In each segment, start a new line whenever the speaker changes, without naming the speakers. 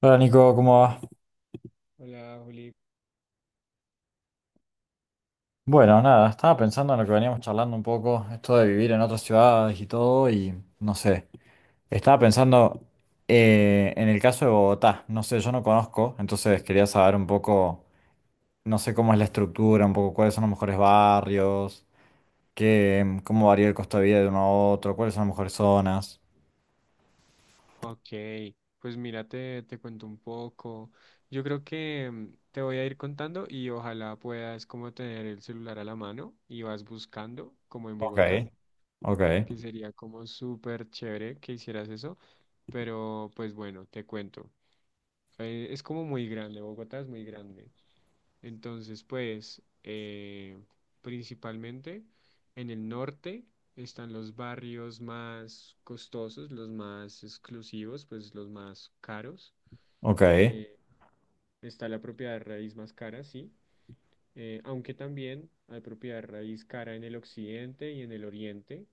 Hola Nico, ¿cómo va?
Hola, Juli.
Bueno, nada, estaba pensando en lo que veníamos charlando un poco, esto de vivir en otras ciudades y todo, y no sé, estaba pensando en el caso de Bogotá, no sé, yo no conozco, entonces quería saber un poco, no sé cómo es la estructura, un poco cuáles son los mejores barrios, qué, cómo varía el costo de vida de uno a otro, cuáles son las mejores zonas.
Ok, pues mira, te cuento un poco. Yo creo que te voy a ir contando y ojalá puedas como tener el celular a la mano y vas buscando, como en
Ok.
Bogotá,
Ok.
que sería como súper chévere que hicieras eso. Pero pues bueno, te cuento. Es como muy grande, Bogotá es muy grande. Entonces, pues, principalmente en el norte están los barrios más costosos, los más exclusivos, pues los más caros.
Ok.
Eh, Está la propiedad de raíz más cara, sí. Aunque también hay propiedad de raíz cara en el occidente y en el oriente.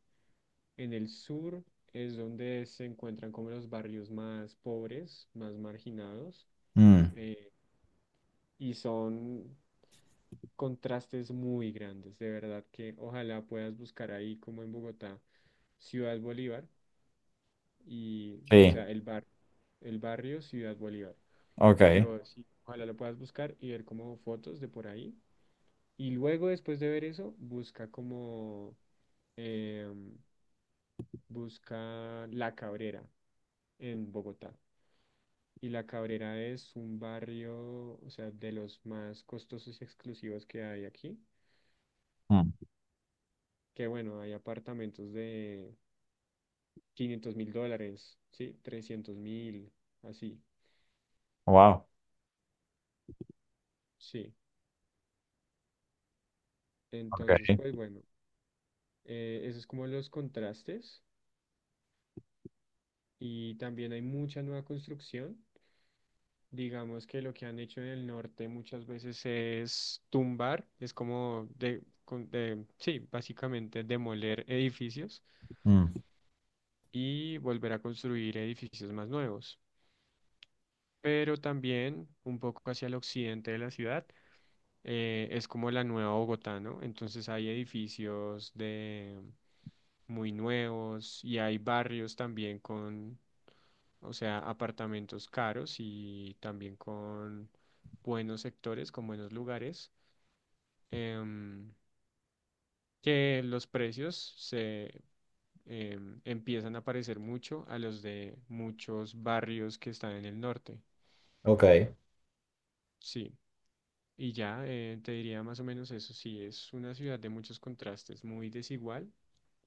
En el sur es donde se encuentran como los barrios más pobres, más marginados.
Mm.
eh, y son contrastes muy grandes. De verdad que ojalá puedas buscar ahí como en Bogotá, Ciudad Bolívar y, o
Sí.
sea, el barrio Ciudad Bolívar.
Ok.
Lo, sí, ojalá lo puedas buscar y ver como fotos de por ahí. Y luego después de ver eso, busca como, em, busca La Cabrera en Bogotá. Y La Cabrera es un barrio, o sea, de los más costosos y exclusivos que hay aquí.
Mm.
Que bueno, hay apartamentos de 500.000 dólares, ¿sí? 300.000, así,
Wow.
sí. Entonces,
Ok.
pues bueno, eso es como los contrastes y también hay mucha nueva construcción. Digamos que lo que han hecho en el norte muchas veces es tumbar, es como sí, básicamente demoler edificios
Mm.
y volver a construir edificios más nuevos. Pero también un poco hacia el occidente de la ciudad. Es como la nueva Bogotá, ¿no? Entonces hay edificios de muy nuevos y hay barrios también con, o sea, apartamentos caros y también con buenos sectores, con buenos lugares, em, que los precios se empiezan a parecer mucho a los de muchos barrios que están en el norte.
Ok.
Sí. Y ya te diría más o menos eso, sí, es una ciudad de muchos contrastes, muy desigual,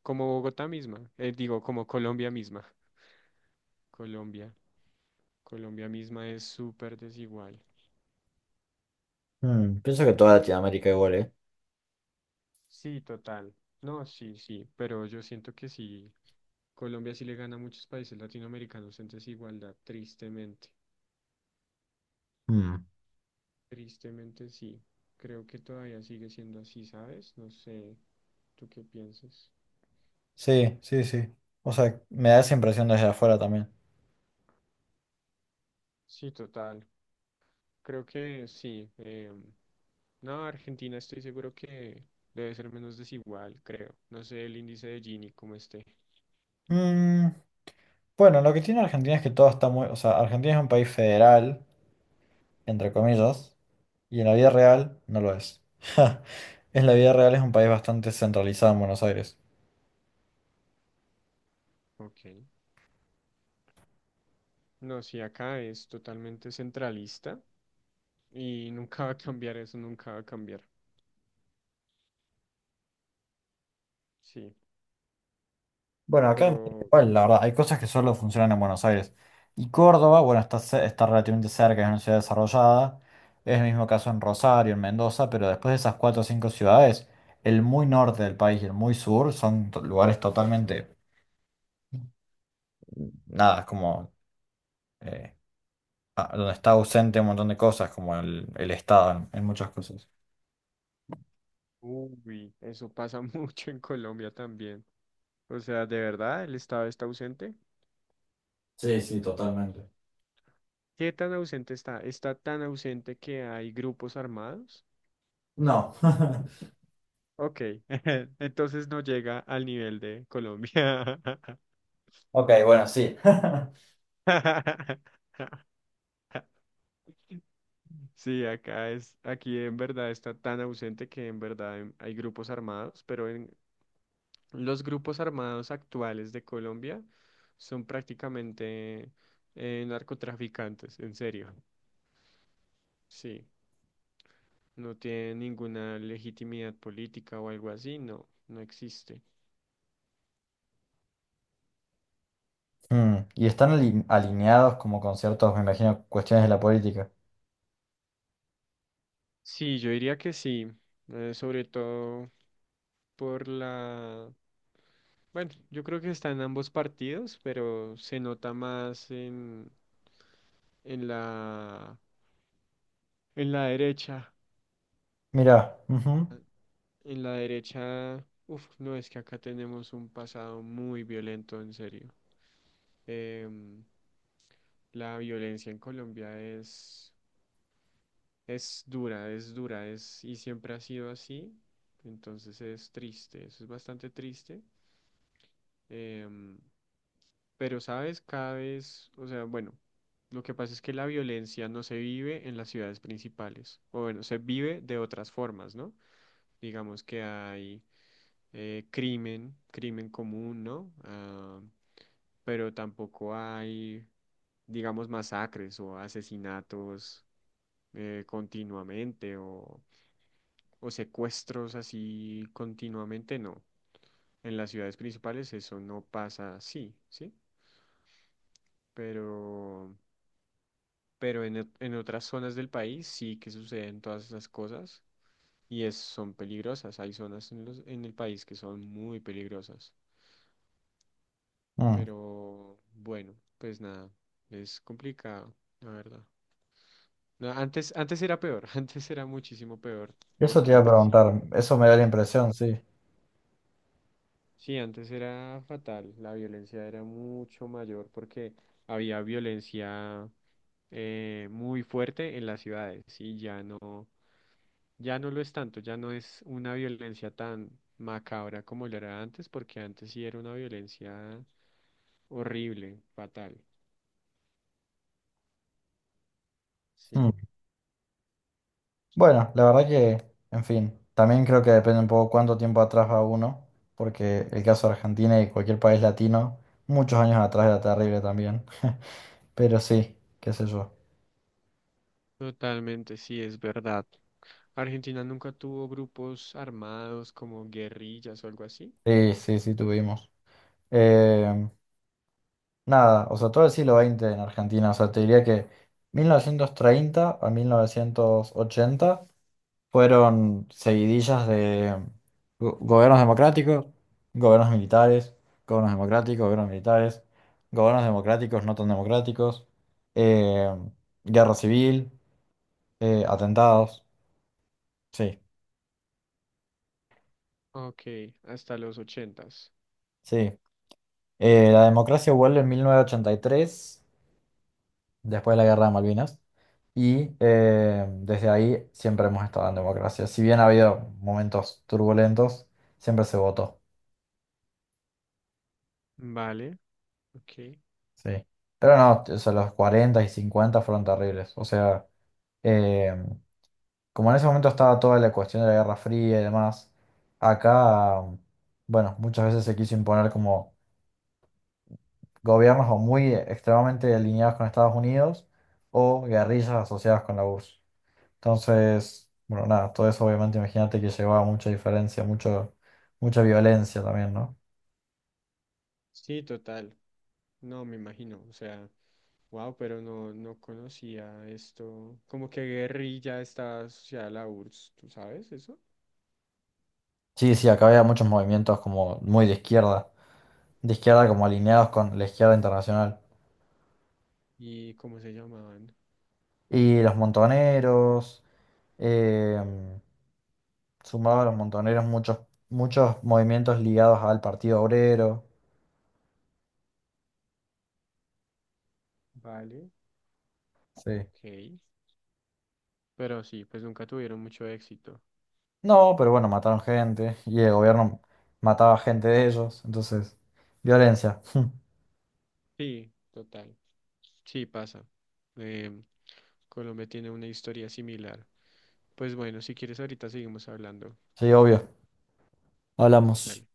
como Bogotá misma, digo, como Colombia misma. Colombia, Colombia misma es súper desigual.
Mm, pienso que toda Latinoamérica igual, ¿eh?
Sí, total. No, sí, sí, pero yo siento que sí, Colombia sí le gana a muchos países latinoamericanos en desigualdad, tristemente.
Mm.
Tristemente sí. Creo que todavía sigue siendo así, ¿sabes? No sé, ¿tú qué piensas?
Sí, sí, sí. O sea, me da esa impresión desde afuera también.
Sí, total. Creo que sí. No, Argentina estoy seguro que debe ser menos desigual, creo. No sé el índice de Gini cómo esté.
Mm, bueno, lo que tiene Argentina es que todo está muy. O sea, Argentina es un país federal, entre comillas, y en la vida real no lo es. En la vida real es un país bastante centralizado en Buenos Aires.
Ok. No, sí, acá es totalmente centralista y nunca va a cambiar eso, nunca va a cambiar. Sí,
Bueno, acá en México
pero,
igual, la verdad, hay cosas que solo funcionan en Buenos Aires. Y Córdoba, bueno, está, está relativamente cerca, es una ciudad desarrollada. Es el mismo caso en Rosario, en Mendoza, pero después de esas cuatro o cinco ciudades, el muy norte del país y el muy sur son lugares totalmente, nada, es como eh, donde está ausente un montón de cosas, como el Estado en muchas cosas.
uy, eso pasa mucho en Colombia también. O sea, de verdad, el Estado está ausente.
Sí, sí, totalmente.
¿Qué tan ausente está? Está tan ausente que hay grupos armados.
No.
Ok, entonces no llega al nivel de Colombia.
Ok, bueno, sí.
Sí, acá es, aquí en verdad está tan ausente que en verdad hay grupos armados, pero en los grupos armados actuales de Colombia son prácticamente narcotraficantes, en serio. Sí, no tienen ninguna legitimidad política o algo así, no, no existe.
Mm, y están alineados como con ciertos, me imagino, cuestiones de la política.
Sí, yo diría que sí, sobre todo por la... Bueno, yo creo que está en ambos partidos, pero se nota más en la, en la derecha,
Mirá, ujú,
en la derecha, uf, no, es que acá tenemos un pasado muy violento, en serio. Em, la violencia en Colombia es dura, y siempre ha sido así, entonces es triste, eso es bastante triste. em, pero, ¿sabes? Cada vez, o sea, bueno, lo que pasa es que la violencia no se vive en las ciudades principales, o bueno, se vive de otras formas, ¿no? Digamos que hay crimen, crimen común, ¿no? Ah, pero tampoco hay, digamos, masacres o asesinatos continuamente o secuestros así continuamente, no. En las ciudades principales eso no pasa así, ¿sí? Pero, pero en otras zonas del país sí que suceden todas esas cosas y son peligrosas. Hay zonas en el país que son muy peligrosas.
mm.
Pero bueno, pues nada, es complicado, la verdad. No, antes, antes era peor, antes era muchísimo peor,
Eso te
porque
iba a
antes sí.
preguntar, eso me da la impresión, sí.
Sí, antes era fatal, la violencia era mucho mayor porque había violencia muy fuerte en las ciudades y ya no, ya no lo es tanto, ya no es una violencia tan macabra como lo era antes, porque antes sí era una violencia horrible, fatal. Sí.
Mm. Bueno, la verdad que, en fin, también creo que depende un poco cuánto tiempo atrás va uno, porque el caso de Argentina y cualquier país latino, muchos años atrás era terrible también, pero sí, qué sé yo.
Totalmente, sí, es verdad. Argentina nunca tuvo grupos armados como guerrillas o algo así.
Sí, sí, sí, tuvimos. Eh, Nada, o sea, todo el siglo XX en Argentina, o sea, te diría que 1930 a 1980 fueron seguidillas de gobiernos democráticos, gobiernos militares, gobiernos democráticos, gobiernos militares, gobiernos democráticos no tan democráticos, eh, guerra civil, atentados. Sí,
Ok, hasta los ochentas.
sí. La democracia vuelve en 1983, después de la guerra de Malvinas, y desde ahí siempre hemos estado en democracia. Si bien ha habido momentos turbulentos, siempre se votó.
Vale, ok.
Sí. Pero no, o sea, los 40 y 50 fueron terribles. O sea, eh, como en ese momento estaba toda la cuestión de la Guerra Fría y demás, acá, bueno, muchas veces se quiso imponer como gobiernos o muy extremadamente alineados con Estados Unidos o guerrillas asociadas con la URSS. Entonces, bueno, nada, todo eso obviamente imagínate que llevaba mucha diferencia, mucho, mucha violencia también, ¿no?
Sí, total. No, me imagino. O sea, wow, pero no, no conocía esto. Como que guerrilla está asociada a la URSS, ¿tú sabes eso?
Sí, sí, acá había muchos movimientos como muy de izquierda como alineados con la izquierda internacional.
¿Y cómo se llamaban?
Y los montoneros, eh, sumado a los montoneros muchos, muchos movimientos ligados al Partido Obrero.
Vale,
Sí.
ok. Pero sí, pues nunca tuvieron mucho éxito.
No, pero bueno, mataron gente y el gobierno mataba gente de ellos, entonces, violencia.
Sí, total. Sí, pasa. Em, Colombia tiene una historia similar. Pues bueno, si quieres ahorita seguimos hablando.
Sí, obvio. Hablamos.
Dale.